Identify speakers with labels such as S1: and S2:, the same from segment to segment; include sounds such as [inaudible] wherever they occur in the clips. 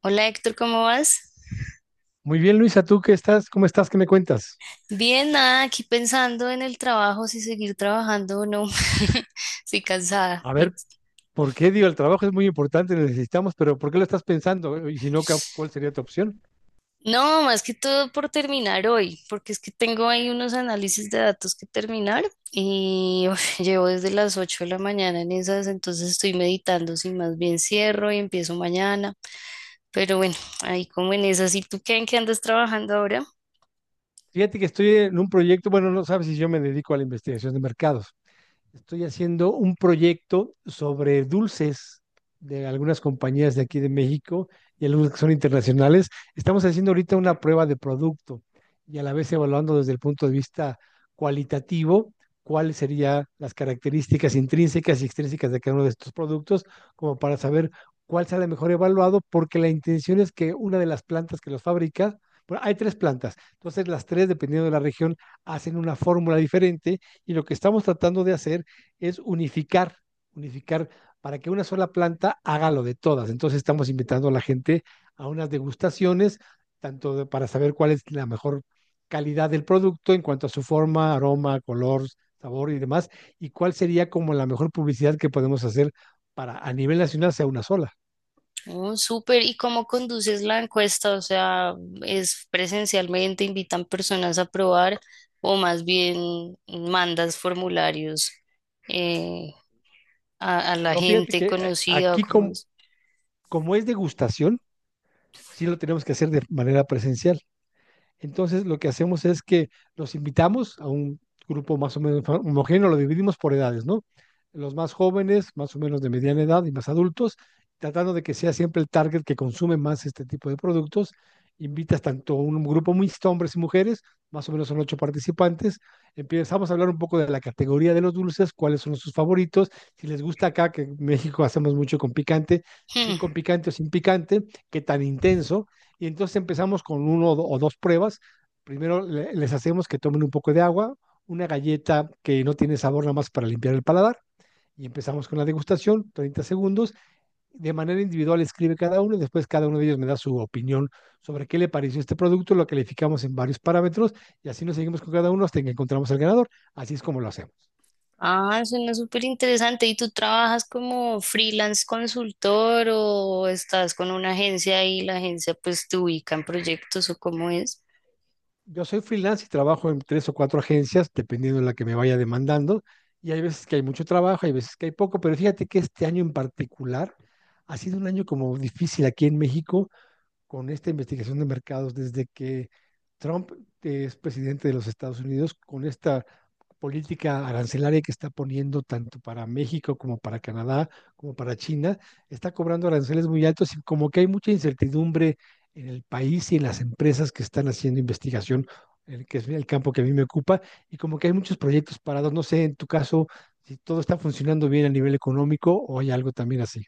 S1: Hola Héctor, ¿cómo vas?
S2: Muy bien, Luisa, ¿tú qué estás? ¿Cómo estás? ¿Qué me cuentas?
S1: Bien, nada, aquí pensando en el trabajo, si seguir trabajando o no. [laughs] Estoy cansada.
S2: A ver, ¿por qué digo, el trabajo es muy importante, lo necesitamos, pero ¿por qué lo estás pensando? Y si no, ¿cuál sería tu opción?
S1: No, más que todo por terminar hoy, porque es que tengo ahí unos análisis de datos que terminar y [laughs] uf, llevo desde las 8 de la mañana en esas, entonces estoy meditando si más bien cierro y empiezo mañana. Pero bueno, ahí como en esas. ¿Y tú qué, en qué andas trabajando ahora?
S2: Fíjate que estoy en un proyecto, bueno, no sabes si yo me dedico a la investigación de mercados. Estoy haciendo un proyecto sobre dulces de algunas compañías de aquí de México y algunas que son internacionales. Estamos haciendo ahorita una prueba de producto y a la vez evaluando desde el punto de vista cualitativo cuáles serían las características intrínsecas y extrínsecas de cada uno de estos productos, como para saber cuál sale mejor evaluado, porque la intención es que una de las plantas que los fabrica, bueno, hay tres plantas, entonces las tres, dependiendo de la región, hacen una fórmula diferente y lo que estamos tratando de hacer es unificar, unificar para que una sola planta haga lo de todas. Entonces estamos invitando a la gente a unas degustaciones, tanto de, para saber cuál es la mejor calidad del producto en cuanto a su forma, aroma, color, sabor y demás, y cuál sería como la mejor publicidad que podemos hacer para a nivel nacional sea una sola.
S1: Oh, súper. ¿Y cómo conduces la encuesta? O sea, ¿es presencialmente, invitan personas a probar o más bien mandas formularios eh, a la
S2: No, fíjate
S1: gente
S2: que
S1: conocida o
S2: aquí
S1: cómo
S2: como,
S1: es?
S2: como es degustación, sí lo tenemos que hacer de manera presencial. Entonces, lo que hacemos es que los invitamos a un grupo más o menos homogéneo, lo dividimos por edades, ¿no? Los más jóvenes, más o menos de mediana edad y más adultos, tratando de que sea siempre el target que consume más este tipo de productos. Invitas tanto a un grupo mixto, hombres y mujeres, más o menos son ocho participantes. Empezamos a hablar un poco de la categoría de los dulces, cuáles son sus favoritos, si les gusta acá, que en México hacemos mucho con picante, si
S1: Hmm.
S2: con picante o sin picante, qué tan intenso. Y entonces empezamos con uno o o dos pruebas. Primero les hacemos que tomen un poco de agua, una galleta que no tiene sabor nada más para limpiar el paladar. Y empezamos con la degustación, 30 segundos. De manera individual escribe cada uno y después cada uno de ellos me da su opinión sobre qué le pareció este producto, lo calificamos en varios parámetros y así nos seguimos con cada uno hasta que encontramos al ganador. Así es como lo hacemos.
S1: Ah, suena súper interesante. ¿Y tú trabajas como freelance consultor o estás con una agencia y la agencia pues te ubica en proyectos o cómo es?
S2: Yo soy freelance y trabajo en tres o cuatro agencias, dependiendo de la que me vaya demandando. Y hay veces que hay mucho trabajo, hay veces que hay poco, pero fíjate que este año en particular ha sido un año como difícil aquí en México con esta investigación de mercados desde que Trump es presidente de los Estados Unidos, con este política arancelaria que está poniendo tanto para México como para Canadá, como para China, está cobrando aranceles muy altos y como que hay mucha incertidumbre en el país y en las empresas que están haciendo investigación, el que es el campo que a mí me ocupa, y como que hay muchos proyectos parados. No sé, en tu caso, si todo está funcionando bien a nivel económico o hay algo también así.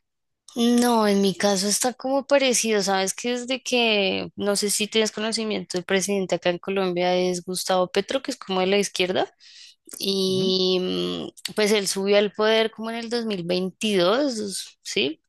S1: No, en mi caso está como parecido, sabes que desde que, no sé si tienes conocimiento, el presidente acá en Colombia es Gustavo Petro, que es como de la izquierda.
S2: Ujú.
S1: Y pues él subió al poder como en el dos mil veintidós, ¿sí?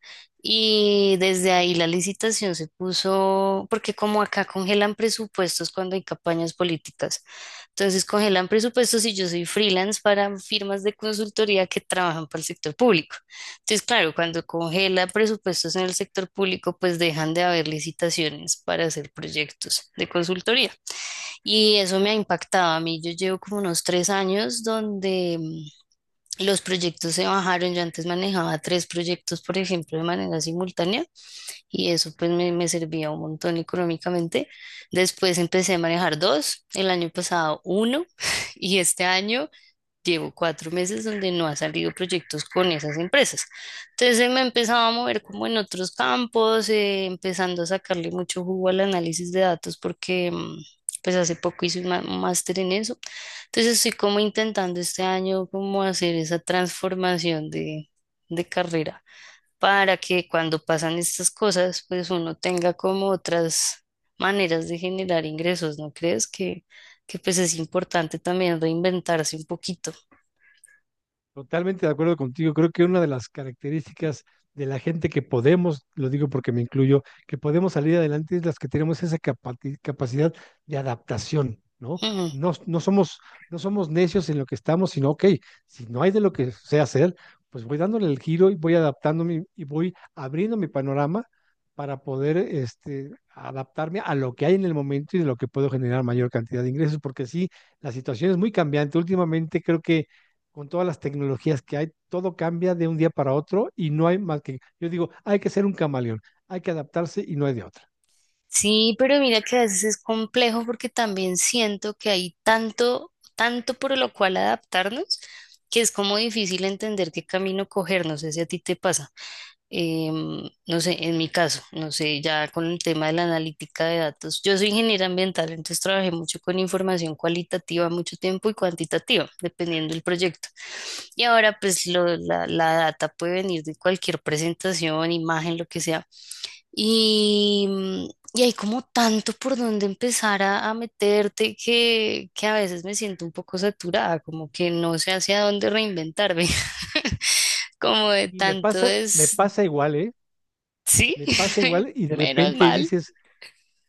S1: Y desde ahí la licitación se puso, porque como acá congelan presupuestos cuando hay campañas políticas, entonces congelan presupuestos y yo soy freelance para firmas de consultoría que trabajan para el sector público. Entonces, claro, cuando congela presupuestos en el sector público, pues dejan de haber licitaciones para hacer proyectos de consultoría. Y eso me ha impactado a mí. Yo llevo como unos tres años donde los proyectos se bajaron. Yo antes manejaba tres proyectos, por ejemplo, de manera simultánea y eso pues me servía un montón económicamente. Después empecé a manejar dos, el año pasado uno [laughs] y este año llevo cuatro meses donde no ha salido proyectos con esas empresas. Entonces me he empezado a mover como en otros campos, empezando a sacarle mucho jugo al análisis de datos porque pues hace poco hice un un máster en eso. Entonces estoy como intentando este año como hacer esa transformación de carrera para que cuando pasan estas cosas pues uno tenga como otras maneras de generar ingresos, ¿no crees? Que pues es importante también reinventarse un poquito.
S2: Totalmente de acuerdo contigo. Creo que una de las características de la gente que podemos, lo digo porque me incluyo, que podemos salir adelante es las que tenemos esa capacidad de adaptación, ¿no?
S1: Mm.
S2: No, no somos necios en lo que estamos, sino, ok, si no hay de lo que sé hacer, pues voy dándole el giro y voy adaptándome y voy abriendo mi panorama para poder este, adaptarme a lo que hay en el momento y de lo que puedo generar mayor cantidad de ingresos, porque sí, la situación es muy cambiante. Últimamente creo que con todas las tecnologías que hay, todo cambia de un día para otro y no hay más que, yo digo, hay que ser un camaleón, hay que adaptarse y no hay de otra.
S1: Sí, pero mira que a veces es complejo porque también siento que hay tanto, tanto por lo cual adaptarnos, que es como difícil entender qué camino coger. No sé si a ti te pasa. No sé, en mi caso, no sé, ya con el tema de la analítica de datos. Yo soy ingeniera ambiental, entonces trabajé mucho con información cualitativa mucho tiempo y cuantitativa, dependiendo del proyecto. Y ahora pues la data puede venir de cualquier presentación, imagen, lo que sea. Y, y hay como tanto por donde empezar a meterte que a veces me siento un poco saturada, como que no sé hacia dónde reinventarme, [laughs] como de
S2: Y
S1: tanto
S2: me
S1: es,
S2: pasa igual, ¿eh?
S1: sí,
S2: Me pasa
S1: [laughs]
S2: igual y de
S1: menos
S2: repente
S1: mal.
S2: dices,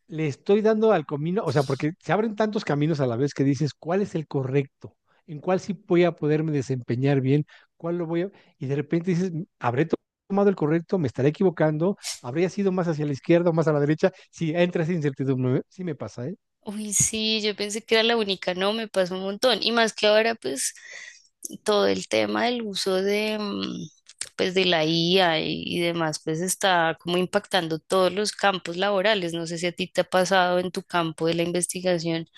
S2: le estoy dando al camino, o sea, porque se abren tantos caminos a la vez que dices, ¿cuál es el correcto? ¿En cuál sí voy a poderme desempeñar bien? ¿Cuál lo voy a...? Y de repente dices, ¿habré tomado el correcto? ¿Me estaré equivocando? ¿Habría sido más hacia la izquierda o más a la derecha? Si entra esa incertidumbre, ¿eh? Sí me pasa, ¿eh?
S1: Uy, sí, yo pensé que era la única, no, me pasó un montón. Y más que ahora, pues, todo el tema del uso de, pues, de la IA y demás, pues está como impactando todos los campos laborales. No sé si a ti te ha pasado en tu campo de la investigación.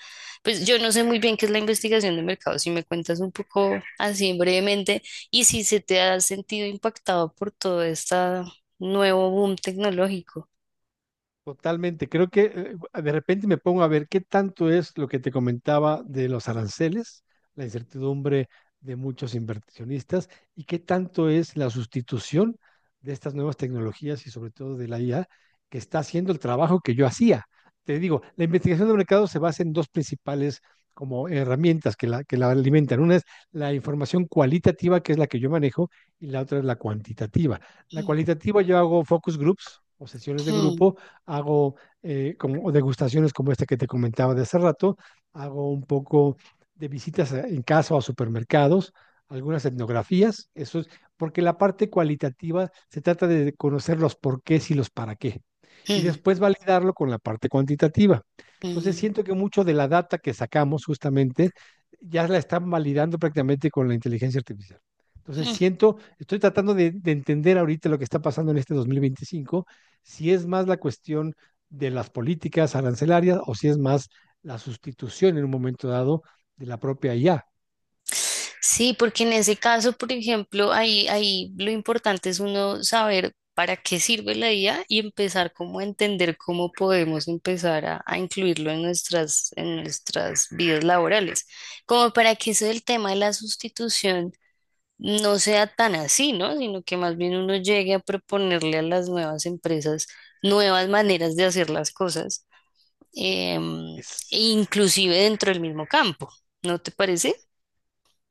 S1: Pues yo no sé muy bien qué es la investigación de mercado, si me cuentas un poco así brevemente y si se te ha sentido impactado por todo este nuevo boom tecnológico.
S2: Totalmente, creo que de repente me pongo a ver qué tanto es lo que te comentaba de los aranceles, la incertidumbre de muchos inversionistas y qué tanto es la sustitución de estas nuevas tecnologías y sobre todo de la IA que está haciendo el trabajo que yo hacía. Te digo, la investigación de mercado se basa en dos principales como herramientas que que la alimentan. Una es la información cualitativa, que es la que yo manejo, y la otra es la cuantitativa. La
S1: Mm,
S2: cualitativa yo hago focus groups o sesiones de
S1: mm,
S2: grupo hago como degustaciones como este que te comentaba de hace rato, hago un poco de visitas en casa o a supermercados, algunas etnografías, eso es, porque la parte cualitativa se trata de conocer los porqués y los para qué, y
S1: mm,
S2: después validarlo con la parte cuantitativa. Entonces
S1: mm,
S2: siento que mucho de la data que sacamos justamente ya la están validando prácticamente con la inteligencia artificial. Entonces
S1: mm.
S2: siento, estoy tratando de entender ahorita lo que está pasando en este 2025 si es más la cuestión de las políticas arancelarias o si es más la sustitución en un momento dado de la propia IA.
S1: Sí, porque en ese caso, por ejemplo, ahí lo importante es uno saber para qué sirve la IA y empezar como a entender cómo podemos empezar a incluirlo en nuestras vidas laborales, como para que eso del tema de la sustitución no sea tan así, ¿no? Sino que más bien uno llegue a proponerle a las nuevas empresas nuevas maneras de hacer las cosas, em, e
S2: Es
S1: inclusive dentro del mismo campo, ¿no te parece?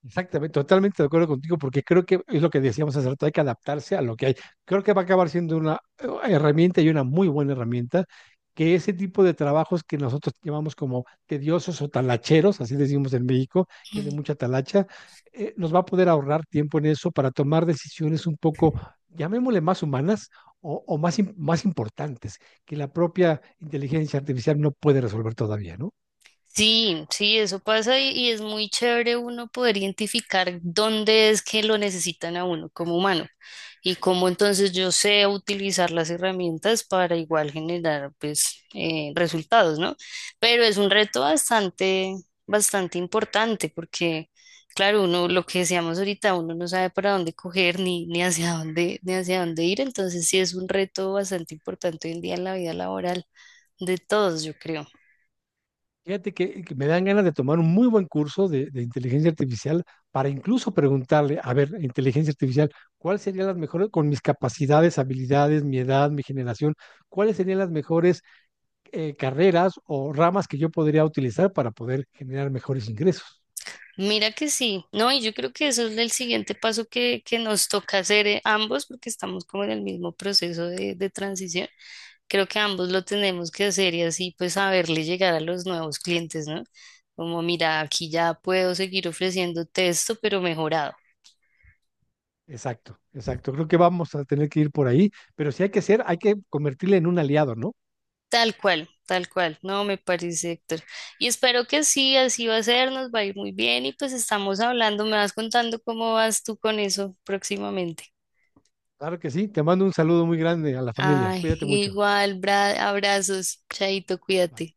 S2: Exactamente, totalmente de acuerdo contigo, porque creo que es lo que decíamos hace rato, hay que adaptarse a lo que hay. Creo que va a acabar siendo una herramienta y una muy buena herramienta, que ese tipo de trabajos que nosotros llamamos como tediosos o talacheros, así decimos en México, que es de mucha talacha, nos va a poder ahorrar tiempo en eso para tomar decisiones un poco, llamémosle más humanas o más, más importantes, que la propia inteligencia artificial no puede resolver todavía, ¿no?
S1: Sí, sí, eso pasa y es muy chévere uno poder identificar dónde es que lo necesitan a uno como humano y cómo entonces yo sé utilizar las herramientas para igual generar pues resultados, ¿no? Pero es un reto bastante, bastante importante porque, claro, uno, lo que decíamos ahorita, uno no sabe para dónde coger ni hacia dónde, ni hacia dónde ir, entonces sí es un reto bastante importante hoy en día en la vida laboral de todos, yo creo.
S2: Fíjate que me dan ganas de tomar un muy buen curso de inteligencia artificial para incluso preguntarle, a ver, inteligencia artificial, ¿cuáles serían las mejores, con mis capacidades, habilidades, mi edad, mi generación, cuáles serían las mejores carreras o ramas que yo podría utilizar para poder generar mejores ingresos?
S1: Mira que sí, no, y yo creo que eso es el siguiente paso que nos toca hacer ambos, porque estamos como en el mismo proceso de transición. Creo que ambos lo tenemos que hacer y así pues saberle llegar a los nuevos clientes, ¿no? Como, mira, aquí ya puedo seguir ofreciendo texto, pero mejorado.
S2: Exacto, exacto. Creo que vamos a tener que ir por ahí, pero si hay que ser, hay que convertirle en un aliado, ¿no?
S1: Tal cual, tal cual. No, me parece, Héctor. Y espero que sí, así va a ser, nos va a ir muy bien y pues estamos hablando, me vas contando cómo vas tú con eso próximamente.
S2: Claro que sí. Te mando un saludo muy grande a la familia.
S1: Ay,
S2: Cuídate mucho.
S1: igual, abrazos, Chaito,
S2: Bye.
S1: cuídate.